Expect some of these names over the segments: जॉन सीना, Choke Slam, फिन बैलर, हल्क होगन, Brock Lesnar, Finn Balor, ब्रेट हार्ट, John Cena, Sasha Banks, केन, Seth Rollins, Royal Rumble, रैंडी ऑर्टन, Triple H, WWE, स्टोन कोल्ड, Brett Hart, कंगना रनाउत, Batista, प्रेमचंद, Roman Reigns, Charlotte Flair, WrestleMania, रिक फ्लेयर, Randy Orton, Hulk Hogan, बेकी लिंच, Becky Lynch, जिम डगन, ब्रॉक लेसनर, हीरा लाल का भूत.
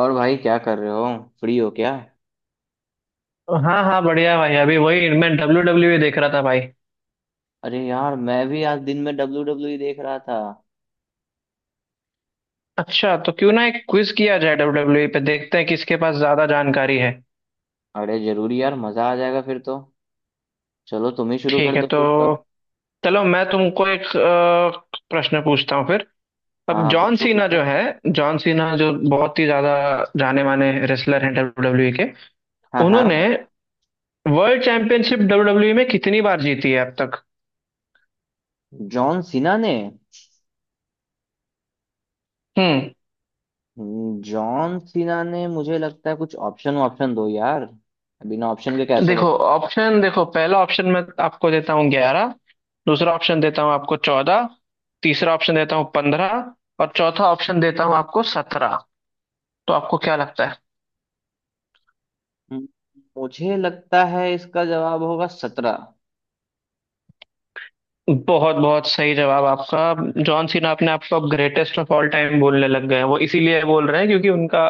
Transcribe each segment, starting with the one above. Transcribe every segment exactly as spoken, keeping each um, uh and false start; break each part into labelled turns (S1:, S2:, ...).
S1: और भाई क्या कर रहे हो? फ्री हो क्या?
S2: हाँ हाँ बढ़िया भाई, अभी वही मैं डब्ल्यू डब्ल्यू देख रहा था भाई।
S1: अरे यार, मैं भी आज दिन में डब्ल्यू डब्ल्यू ई देख रहा था।
S2: अच्छा, तो क्यों ना एक क्विज किया जाए डब्ल्यू डब्ल्यू पे, देखते हैं किसके पास ज्यादा जानकारी है।
S1: अरे जरूरी यार, मजा आ जाएगा फिर तो। चलो तुम ही शुरू कर
S2: ठीक है
S1: दो
S2: तो
S1: फिर तो।
S2: चलो मैं तुमको एक अ, प्रश्न पूछता हूँ फिर।
S1: हाँ
S2: अब
S1: हाँ,
S2: जॉन
S1: पूछो
S2: सीना
S1: पूछो।
S2: जो है जॉन सीना जो बहुत ही ज्यादा जाने माने रेसलर हैं डब्ल्यू डब्ल्यू के,
S1: हाँ
S2: उन्होंने
S1: हाँ,
S2: वर्ल्ड चैंपियनशिप डब्ल्यू डब्ल्यू में कितनी बार जीती है अब तक।
S1: जॉन सीना ने।
S2: हम्म।
S1: हम्म, जॉन सीना ने, मुझे लगता है, कुछ ऑप्शन ऑप्शन दो यार। बिना ऑप्शन के कैसे
S2: देखो
S1: बताऊं?
S2: ऑप्शन देखो, पहला ऑप्शन मैं आपको देता हूँ ग्यारह। दूसरा ऑप्शन देता हूँ आपको चौदह। तीसरा ऑप्शन देता हूँ पंद्रह। और चौथा ऑप्शन देता हूँ आपको सत्रह। तो आपको क्या लगता है।
S1: हम्म, मुझे लगता है इसका जवाब होगा सत्रह।
S2: बहुत बहुत सही जवाब आपका। जॉन सीना अपने आप को अब ग्रेटेस्ट ऑफ ऑल टाइम बोलने लग गए हैं, वो इसीलिए बोल रहे हैं क्योंकि उनका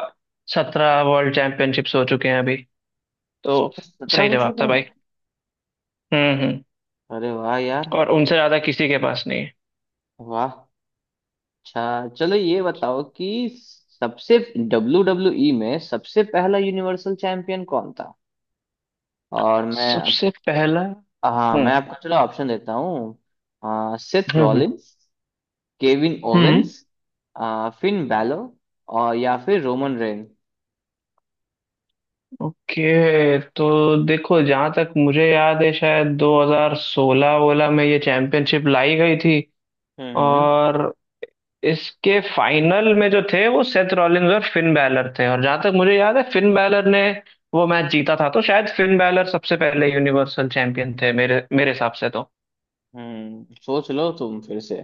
S2: सत्रह वर्ल्ड चैंपियनशिप्स हो चुके हैं अभी। तो
S1: सत्रह
S2: सही
S1: हो
S2: जवाब
S1: चुके
S2: था भाई।
S1: हैं।
S2: हम्म हम्म।
S1: अरे वाह यार।
S2: और उनसे ज्यादा किसी के पास नहीं है।
S1: वाह। अच्छा चलो ये बताओ कि सबसे डब्ल्यू डब्ल्यू ई में सबसे पहला यूनिवर्सल चैंपियन कौन था? और मैं।
S2: सबसे पहला।
S1: हाँ, मैं
S2: हम्म।
S1: आपको चलो ऑप्शन देता हूँ। आ, Seth
S2: hmm.
S1: Rollins. Kevin
S2: hmm.
S1: Owens. आ, फिन बैलो। और या फिर रोमन रेन।
S2: ओके तो देखो, जहां तक मुझे याद है शायद दो हज़ार सोलह वोला में ये चैंपियनशिप लाई गई थी,
S1: हम्म हम्म।
S2: और इसके फाइनल में जो थे वो सेथ रॉलिंस और फिन बैलर थे, और जहां तक मुझे याद है फिन बैलर ने वो मैच जीता था, तो शायद फिन बैलर सबसे पहले यूनिवर्सल चैंपियन थे मेरे मेरे हिसाब से तो।
S1: हम्म, सोच लो तुम फिर से।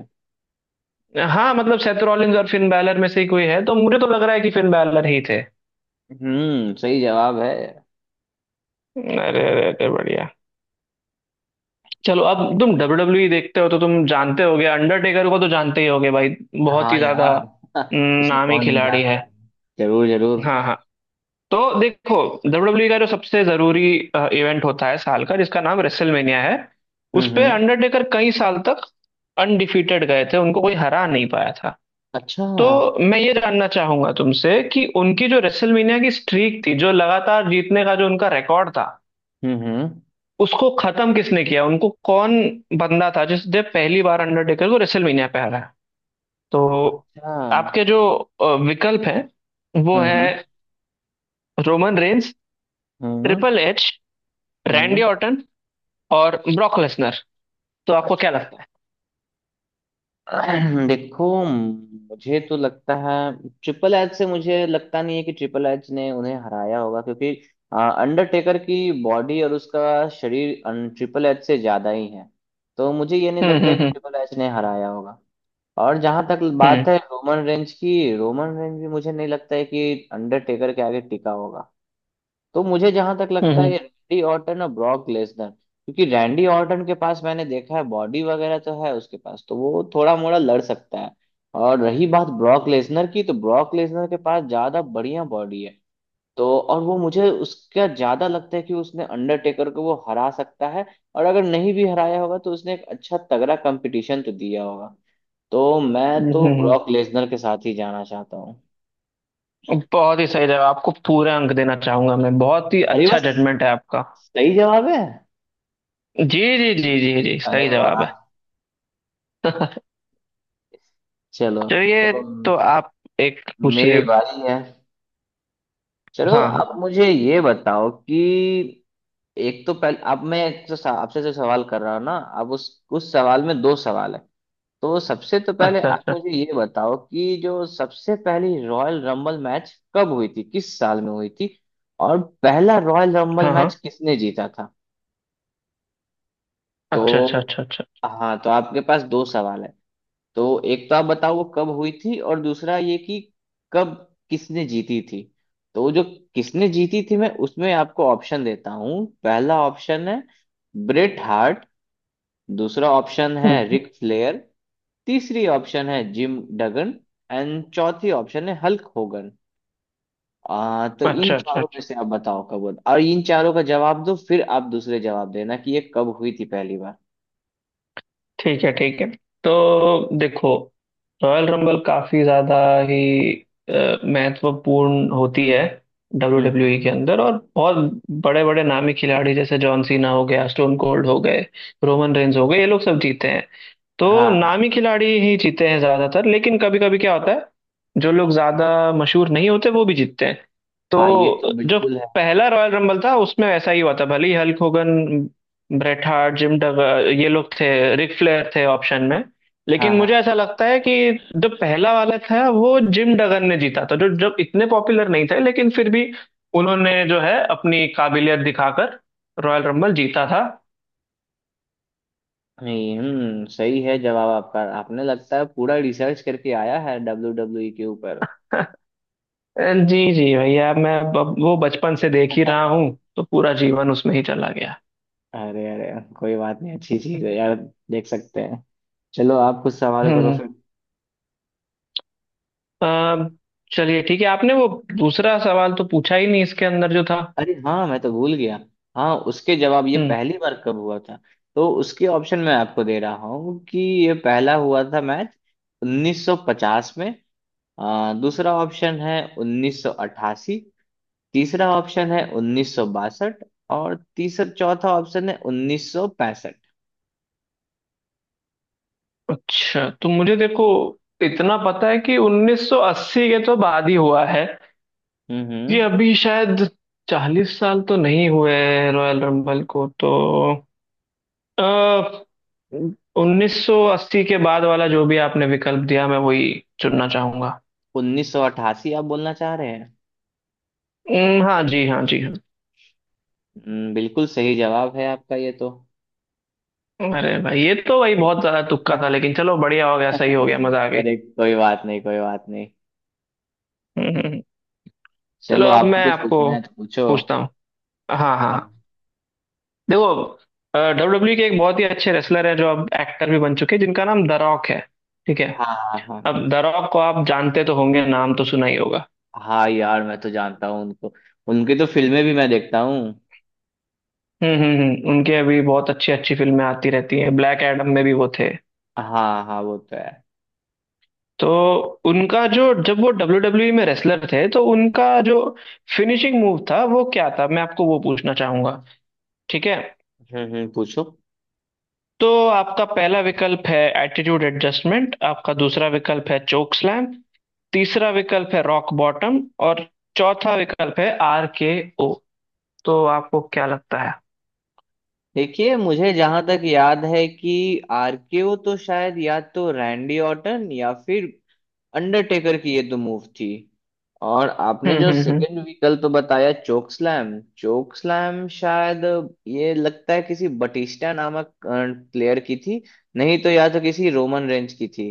S2: हाँ मतलब सेथ रॉलिंस और फिन बैलर में से ही कोई है, तो मुझे तो लग रहा है कि फिन बैलर ही थे।
S1: हम्म सही जवाब है।
S2: अरे अरे अरे बढ़िया। चलो अब तुम डब्ल्यू डब्ल्यू देखते हो तो तुम जानते होगे, अंडरटेकर को तो जानते ही होगे भाई, बहुत
S1: हाँ
S2: ही ज्यादा।
S1: यार,
S2: हम्म,
S1: उसे
S2: नामी
S1: कौन नहीं
S2: खिलाड़ी है।
S1: जानता? जरूर जरूर।
S2: हाँ हाँ। तो देखो, डब्ल्यू डब्ल्यू का जो सबसे जरूरी इवेंट होता है साल का जिसका नाम रेसलमेनिया है, उस
S1: हम्म
S2: पे
S1: हम्म
S2: अंडरटेकर कई साल तक अनडिफीटेड गए थे, उनको कोई हरा नहीं पाया था।
S1: अच्छा
S2: तो
S1: हम्म
S2: मैं ये जानना चाहूंगा तुमसे कि उनकी जो रेसलमेनिया की स्ट्रीक थी, जो लगातार जीतने का जो उनका रिकॉर्ड था,
S1: हम्म।
S2: उसको खत्म किसने किया, उनको कौन बंदा था जिसने पहली बार अंडरटेकर को रेसलमेनिया पे हराया। तो आपके
S1: अच्छा।
S2: जो अ, विकल्प हैं वो
S1: हम्म
S2: है Roman Reigns,
S1: hmm
S2: Triple H,
S1: hmm.
S2: रैंडी ऑर्टन और ब्रॉक लेसनर। तो आपको क्या लगता है।
S1: देखो, मुझे तो लगता है। ट्रिपल एच से मुझे लगता नहीं है कि ट्रिपल एच ने उन्हें हराया होगा, क्योंकि अंडरटेकर की बॉडी और उसका शरीर ट्रिपल एच से ज्यादा ही है। तो मुझे ये नहीं
S2: हम्म
S1: लगता है कि
S2: हम्म
S1: ट्रिपल एच ने हराया होगा। और जहां तक
S2: हम्म
S1: बात है रोमन रेंज की, रोमन रेंज भी मुझे नहीं लगता है कि अंडरटेकर के आगे टिका होगा। तो मुझे जहां तक लगता है
S2: हम्म
S1: ये रैंडी ऑर्टन और ब्रॉक लेसनर, क्योंकि रैंडी ऑर्टन के पास मैंने देखा है बॉडी वगैरह तो है उसके पास, तो वो थोड़ा मोड़ा लड़ सकता है। और रही बात ब्रॉक लेसनर की, तो ब्रॉक लेसनर के पास ज्यादा बढ़िया बॉडी है। तो और वो मुझे उसका ज्यादा लगता है कि उसने अंडरटेकर को वो हरा सकता है। और अगर नहीं भी हराया होगा तो उसने एक अच्छा तगड़ा कंपटीशन तो दिया होगा। तो मैं
S2: हम्म
S1: तो
S2: हम्म, हम्म।
S1: ब्रॉक लेसनर के साथ ही जाना चाहता हूँ।
S2: बहुत ही सही जवाब। आपको पूरे अंक देना चाहूंगा मैं, बहुत ही
S1: अरे
S2: अच्छा
S1: बस।
S2: जजमेंट है आपका।
S1: सही जवाब है।
S2: जी जी जी जी जी
S1: अरे
S2: सही
S1: वाह।
S2: जवाब है।
S1: चलो।
S2: चलिए।
S1: चलो।
S2: तो आप एक
S1: मेरी
S2: पूछिए।
S1: बारी है। चलो
S2: हाँ।
S1: आप मुझे ये बताओ कि एक तो पहले, अब मैं एक जो सा- आपसे जो सवाल कर रहा हूँ ना, अब उस उस सवाल में दो सवाल है। तो सबसे तो पहले
S2: अच्छा
S1: आप
S2: अच्छा।
S1: मुझे ये बताओ कि जो सबसे पहली रॉयल रंबल मैच कब हुई थी, किस साल में हुई थी? और पहला रॉयल रंबल
S2: हाँ हाँ।
S1: मैच किसने जीता था? तो
S2: अच्छा अच्छा अच्छा अच्छा।
S1: हाँ, तो आपके पास दो सवाल है। तो एक तो आप बताओ वो कब हुई थी, और दूसरा ये कि कब, किसने जीती थी। तो जो किसने जीती थी, मैं उसमें आपको ऑप्शन देता हूँ। पहला ऑप्शन है ब्रेट हार्ट। दूसरा ऑप्शन है
S2: हम्म।
S1: रिक फ्लेयर। तीसरी ऑप्शन है जिम डगन। एंड चौथी ऑप्शन है हल्क होगन। आ, तो इन
S2: अच्छा अच्छा
S1: चारों में
S2: अच्छा।
S1: से आप बताओ कब हुआ और इन चारों का जवाब दो, फिर आप दूसरे जवाब देना कि ये कब हुई थी पहली बार।
S2: ठीक है ठीक है। तो देखो, रॉयल रंबल काफी ज्यादा ही अ, महत्वपूर्ण होती है W
S1: hmm
S2: W
S1: hmm.
S2: E के अंदर, और बहुत बड़े बड़े नामी खिलाड़ी जैसे जॉन सीना हो गया, स्टोन कोल्ड हो गए, रोमन रेंज हो गए, ये लोग सब जीते हैं। तो
S1: हाँ
S2: नामी
S1: हाँ
S2: खिलाड़ी ही जीते हैं ज्यादातर, लेकिन कभी कभी क्या होता है, जो लोग ज्यादा मशहूर नहीं होते वो भी जीतते हैं।
S1: हाँ, ये तो
S2: तो जो
S1: बिल्कुल है।
S2: पहला रॉयल रंबल था उसमें ऐसा ही हुआ था। भले ही हल्क होगन, ब्रेट हार्ट, Jim Duggan, ये लोग थे, रिक फ्लेयर थे ऑप्शन में,
S1: हाँ
S2: लेकिन मुझे
S1: हाँ।
S2: ऐसा लगता है कि जो पहला वाला था वो जिम डगन ने जीता था, जो जब इतने पॉपुलर नहीं थे, लेकिन फिर भी उन्होंने जो है अपनी काबिलियत दिखाकर रॉयल रंबल जीता था।
S1: नहीं, हम्म सही है जवाब आपका। आपने लगता है पूरा रिसर्च करके आया है डब्ल्यू डब्ल्यू ई के ऊपर।
S2: जी जी भैया, मैं ब- वो बचपन से देख ही रहा हूँ, तो पूरा जीवन उसमें ही चला गया।
S1: अरे अरे। कोई बात नहीं, अच्छी चीज है यार। देख सकते हैं। चलो आप कुछ सवाल करो
S2: हम्म।
S1: फिर।
S2: अ, चलिए ठीक है, आपने वो दूसरा सवाल तो पूछा ही नहीं इसके अंदर जो था।
S1: अरे हाँ, मैं तो भूल गया। हाँ, उसके जवाब ये
S2: हम्म।
S1: पहली बार कब हुआ था? तो उसके ऑप्शन मैं आपको दे रहा हूँ कि ये पहला हुआ था मैच उन्नीस सौ पचास में। आ, दूसरा ऑप्शन है उन्नीस सौ अट्ठासी। तीसरा ऑप्शन है उन्नीस सौ बासठ। और तीसरा चौथा ऑप्शन है उन्नीस सौ पैंसठ।
S2: अच्छा तो मुझे देखो, इतना पता है कि उन्नीस सौ अस्सी के तो बाद ही हुआ है।
S1: हम्म
S2: ये अभी शायद चालीस साल तो नहीं हुए हैं रॉयल रंबल को तो। अ उन्नीस सौ अस्सी के बाद वाला जो भी आपने विकल्प दिया, मैं वही चुनना चाहूंगा।
S1: उन्नीस सौ अट्ठासी आप बोलना चाह रहे हैं?
S2: हम्म, हाँ जी हाँ जी।
S1: हम्म, बिल्कुल सही जवाब है आपका ये तो।
S2: अरे भाई ये तो भाई बहुत ज्यादा तुक्का था, लेकिन चलो बढ़िया हो गया, सही हो गया, मजा आ गई।
S1: अरे कोई बात नहीं, कोई बात नहीं।
S2: हम्म, हम्म। चलो
S1: चलो
S2: अब
S1: आपको
S2: मैं
S1: कुछ
S2: आपको
S1: पूछना है तो पूछो।
S2: पूछता हूँ। हाँ हाँ हाँ।
S1: हाँ
S2: देखो, डब्ल्यू डब्ल्यू के एक बहुत ही अच्छे रेसलर हैं जो अब एक्टर भी बन चुके हैं, जिनका नाम द रॉक है। ठीक है।
S1: हाँ हाँ हाँ।
S2: अब द रॉक को आप जानते तो होंगे, नाम तो सुना ही होगा।
S1: हाँ यार, मैं तो जानता हूँ उनको। उनकी तो फिल्में भी मैं देखता हूँ।
S2: हम्म हम्म हम्म। उनके अभी बहुत अच्छी अच्छी फिल्में आती रहती हैं, ब्लैक एडम में भी वो थे।
S1: हाँ हाँ, वो तो है।
S2: तो उनका जो जब वो डब्ल्यू डब्ल्यू में रेसलर थे, तो उनका जो फिनिशिंग मूव था वो क्या था, मैं आपको वो पूछना चाहूंगा। ठीक है।
S1: हम्म हम्म, पूछो।
S2: तो आपका पहला विकल्प है एटीट्यूड एडजस्टमेंट, आपका दूसरा विकल्प है चोक स्लैम, तीसरा विकल्प है रॉक बॉटम, और चौथा विकल्प है आर के ओ। तो आपको क्या लगता है।
S1: देखिए, मुझे जहां तक याद है कि आरकेओ तो शायद या तो रैंडी ऑर्टन या फिर अंडरटेकर की ये तो मूव थी। और आपने
S2: हम्म
S1: जो
S2: हम्म हम्म
S1: सेकंड व्हीकल तो बताया चोक स्लैम, चोक स्लैम शायद ये लगता है किसी बटिस्टा नामक प्लेयर की थी। नहीं तो या तो किसी रोमन रेंज की थी।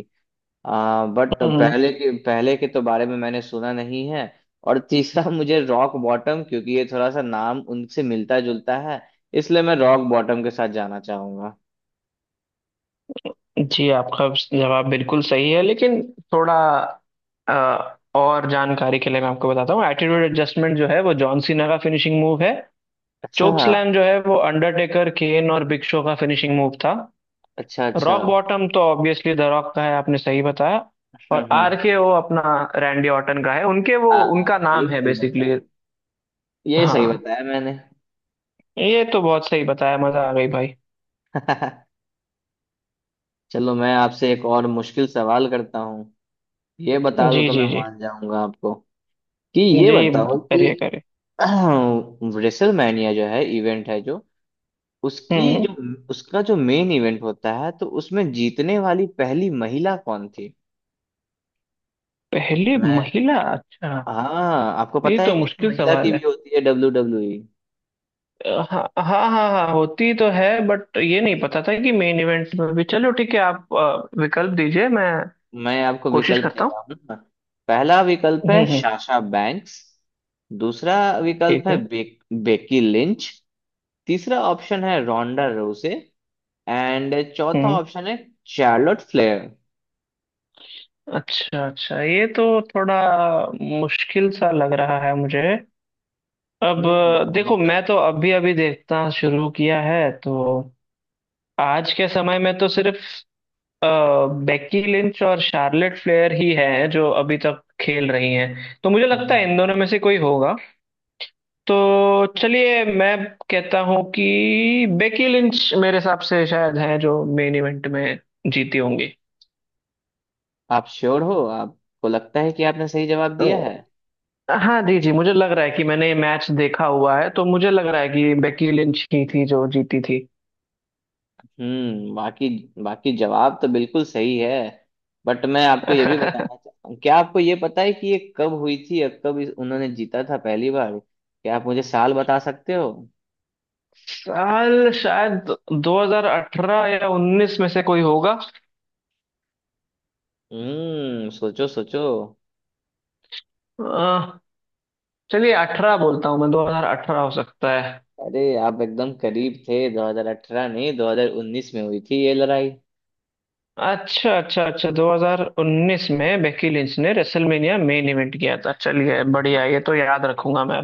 S1: आ, बट
S2: हम्म,
S1: पहले के पहले के तो बारे में मैंने सुना नहीं है। और तीसरा मुझे रॉक बॉटम, क्योंकि ये थोड़ा सा नाम उनसे मिलता जुलता है। इसलिए मैं रॉक बॉटम के साथ जाना चाहूंगा।
S2: जी आपका जवाब बिल्कुल सही है, लेकिन थोड़ा अ, और जानकारी के लिए मैं आपको बताता हूँ। एटीट्यूड एडजस्टमेंट जो है वो जॉन सीना का फिनिशिंग मूव है।
S1: अच्छा
S2: चोक स्लैम जो है वो अंडरटेकर, केन और बिग शो का फिनिशिंग मूव था।
S1: अच्छा अच्छा।
S2: रॉक बॉटम तो ऑब्वियसली द रॉक का है, आपने सही बताया।
S1: हम्म
S2: और आर
S1: हम्म।
S2: के ओ अपना रैंडी ऑर्टन का है, उनके वो
S1: हाँ
S2: उनका
S1: हाँ,
S2: नाम
S1: ये
S2: है
S1: सही बताया।
S2: बेसिकली।
S1: ये सही
S2: हाँ।
S1: बताया मैंने।
S2: ये तो बहुत सही बताया, मजा आ गई भाई।
S1: चलो मैं आपसे एक और मुश्किल सवाल करता हूँ। ये बता दो
S2: जी
S1: तो मैं
S2: जी जी
S1: मान जाऊंगा आपको। कि ये
S2: जी।
S1: बताओ कि
S2: करिए करिए।
S1: रेसलमैनिया जो है इवेंट है, जो उसकी जो
S2: हम्म।
S1: उसका जो मेन इवेंट होता है, तो उसमें जीतने वाली पहली महिला कौन थी?
S2: पहली
S1: मैं।
S2: महिला, अच्छा।
S1: हाँ, आपको
S2: ये
S1: पता है
S2: तो
S1: कि नहीं,
S2: मुश्किल
S1: महिला की
S2: सवाल
S1: भी
S2: है।
S1: होती है डब्ल्यू डब्ल्यू ई।
S2: अ, हाँ हाँ हाँ हाँ, होती तो है बट ये नहीं पता था कि मेन इवेंट्स में भी। चलो ठीक है, आप अ, विकल्प दीजिए, मैं
S1: मैं आपको
S2: कोशिश
S1: विकल्प दे
S2: करता हूँ।
S1: रहा हूँ। पहला विकल्प
S2: हम्म
S1: है
S2: हम्म।
S1: Sasha Banks. दूसरा विकल्प
S2: ठीक
S1: है
S2: है।
S1: बे, बेकी लिंच। तीसरा ऑप्शन है रोंडा रोसे। एंड चौथा
S2: हम्म।
S1: ऑप्शन है चार्लोट फ्लेयर।
S2: अच्छा अच्छा, ये तो थोड़ा मुश्किल सा लग रहा है मुझे। अब
S1: हम्म
S2: देखो,
S1: सोचो।
S2: मैं तो अभी अभी देखना शुरू किया है, तो आज के समय में तो सिर्फ बेकी लिंच और शार्लेट फ्लेयर ही हैं जो अभी तक खेल रही हैं, तो मुझे लगता है इन
S1: हम्म,
S2: दोनों में से कोई होगा। तो चलिए मैं कहता हूँ कि बेकी लिंच मेरे हिसाब से शायद हैं जो मेन इवेंट में जीती होंगी।
S1: आप श्योर हो, आपको लगता है कि आपने सही जवाब दिया है?
S2: हाँ जी जी, मुझे लग रहा है कि मैंने ये मैच देखा हुआ है, तो मुझे लग रहा है कि बेकी लिंच ही थी जो जीती थी।
S1: हम्म बाकी बाकी जवाब तो बिल्कुल सही है। बट मैं आपको ये भी बताना चाहता हूँ, क्या आपको ये पता है कि ये कब हुई थी और कब इस- उन्होंने जीता था पहली बार? क्या आप मुझे साल बता सकते हो?
S2: साल शायद दो हज़ार अठारह या उन्नीस में से कोई होगा।
S1: हम्म सोचो सोचो।
S2: अह, चलिए अठारह बोलता हूँ, मैं दो हज़ार अठारह हो सकता है।
S1: अरे, आप एकदम करीब थे। दो हज़ार अठारह नहीं, दो हज़ार उन्नीस में हुई थी ये लड़ाई।
S2: अच्छा अच्छा अच्छा, दो हज़ार उन्नीस में बेकी लिंच ने रेसलमेनिया मेन इवेंट किया था, चलिए बढ़िया, ये तो याद रखूंगा मैं।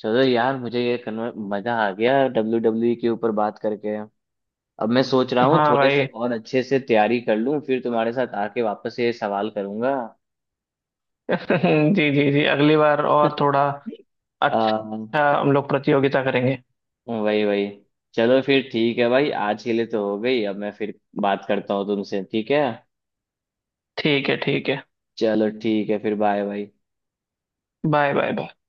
S1: चलो यार, मुझे ये कन्वर मजा आ गया डब्ल्यू डब्ल्यू के ऊपर बात करके। अब मैं सोच रहा हूँ
S2: हाँ
S1: थोड़े से
S2: भाई।
S1: और अच्छे से तैयारी कर लूँ, फिर तुम्हारे साथ आके वापस ये सवाल करूंगा।
S2: जी जी जी, अगली बार और थोड़ा
S1: आ,
S2: अच्छा हम लोग प्रतियोगिता करेंगे।
S1: वही वही। चलो फिर ठीक है भाई, आज के लिए तो हो गई। अब मैं फिर बात करता हूँ तुमसे, ठीक है?
S2: ठीक है ठीक है।
S1: चलो ठीक है फिर, बाय भाई।
S2: Bye bye bye.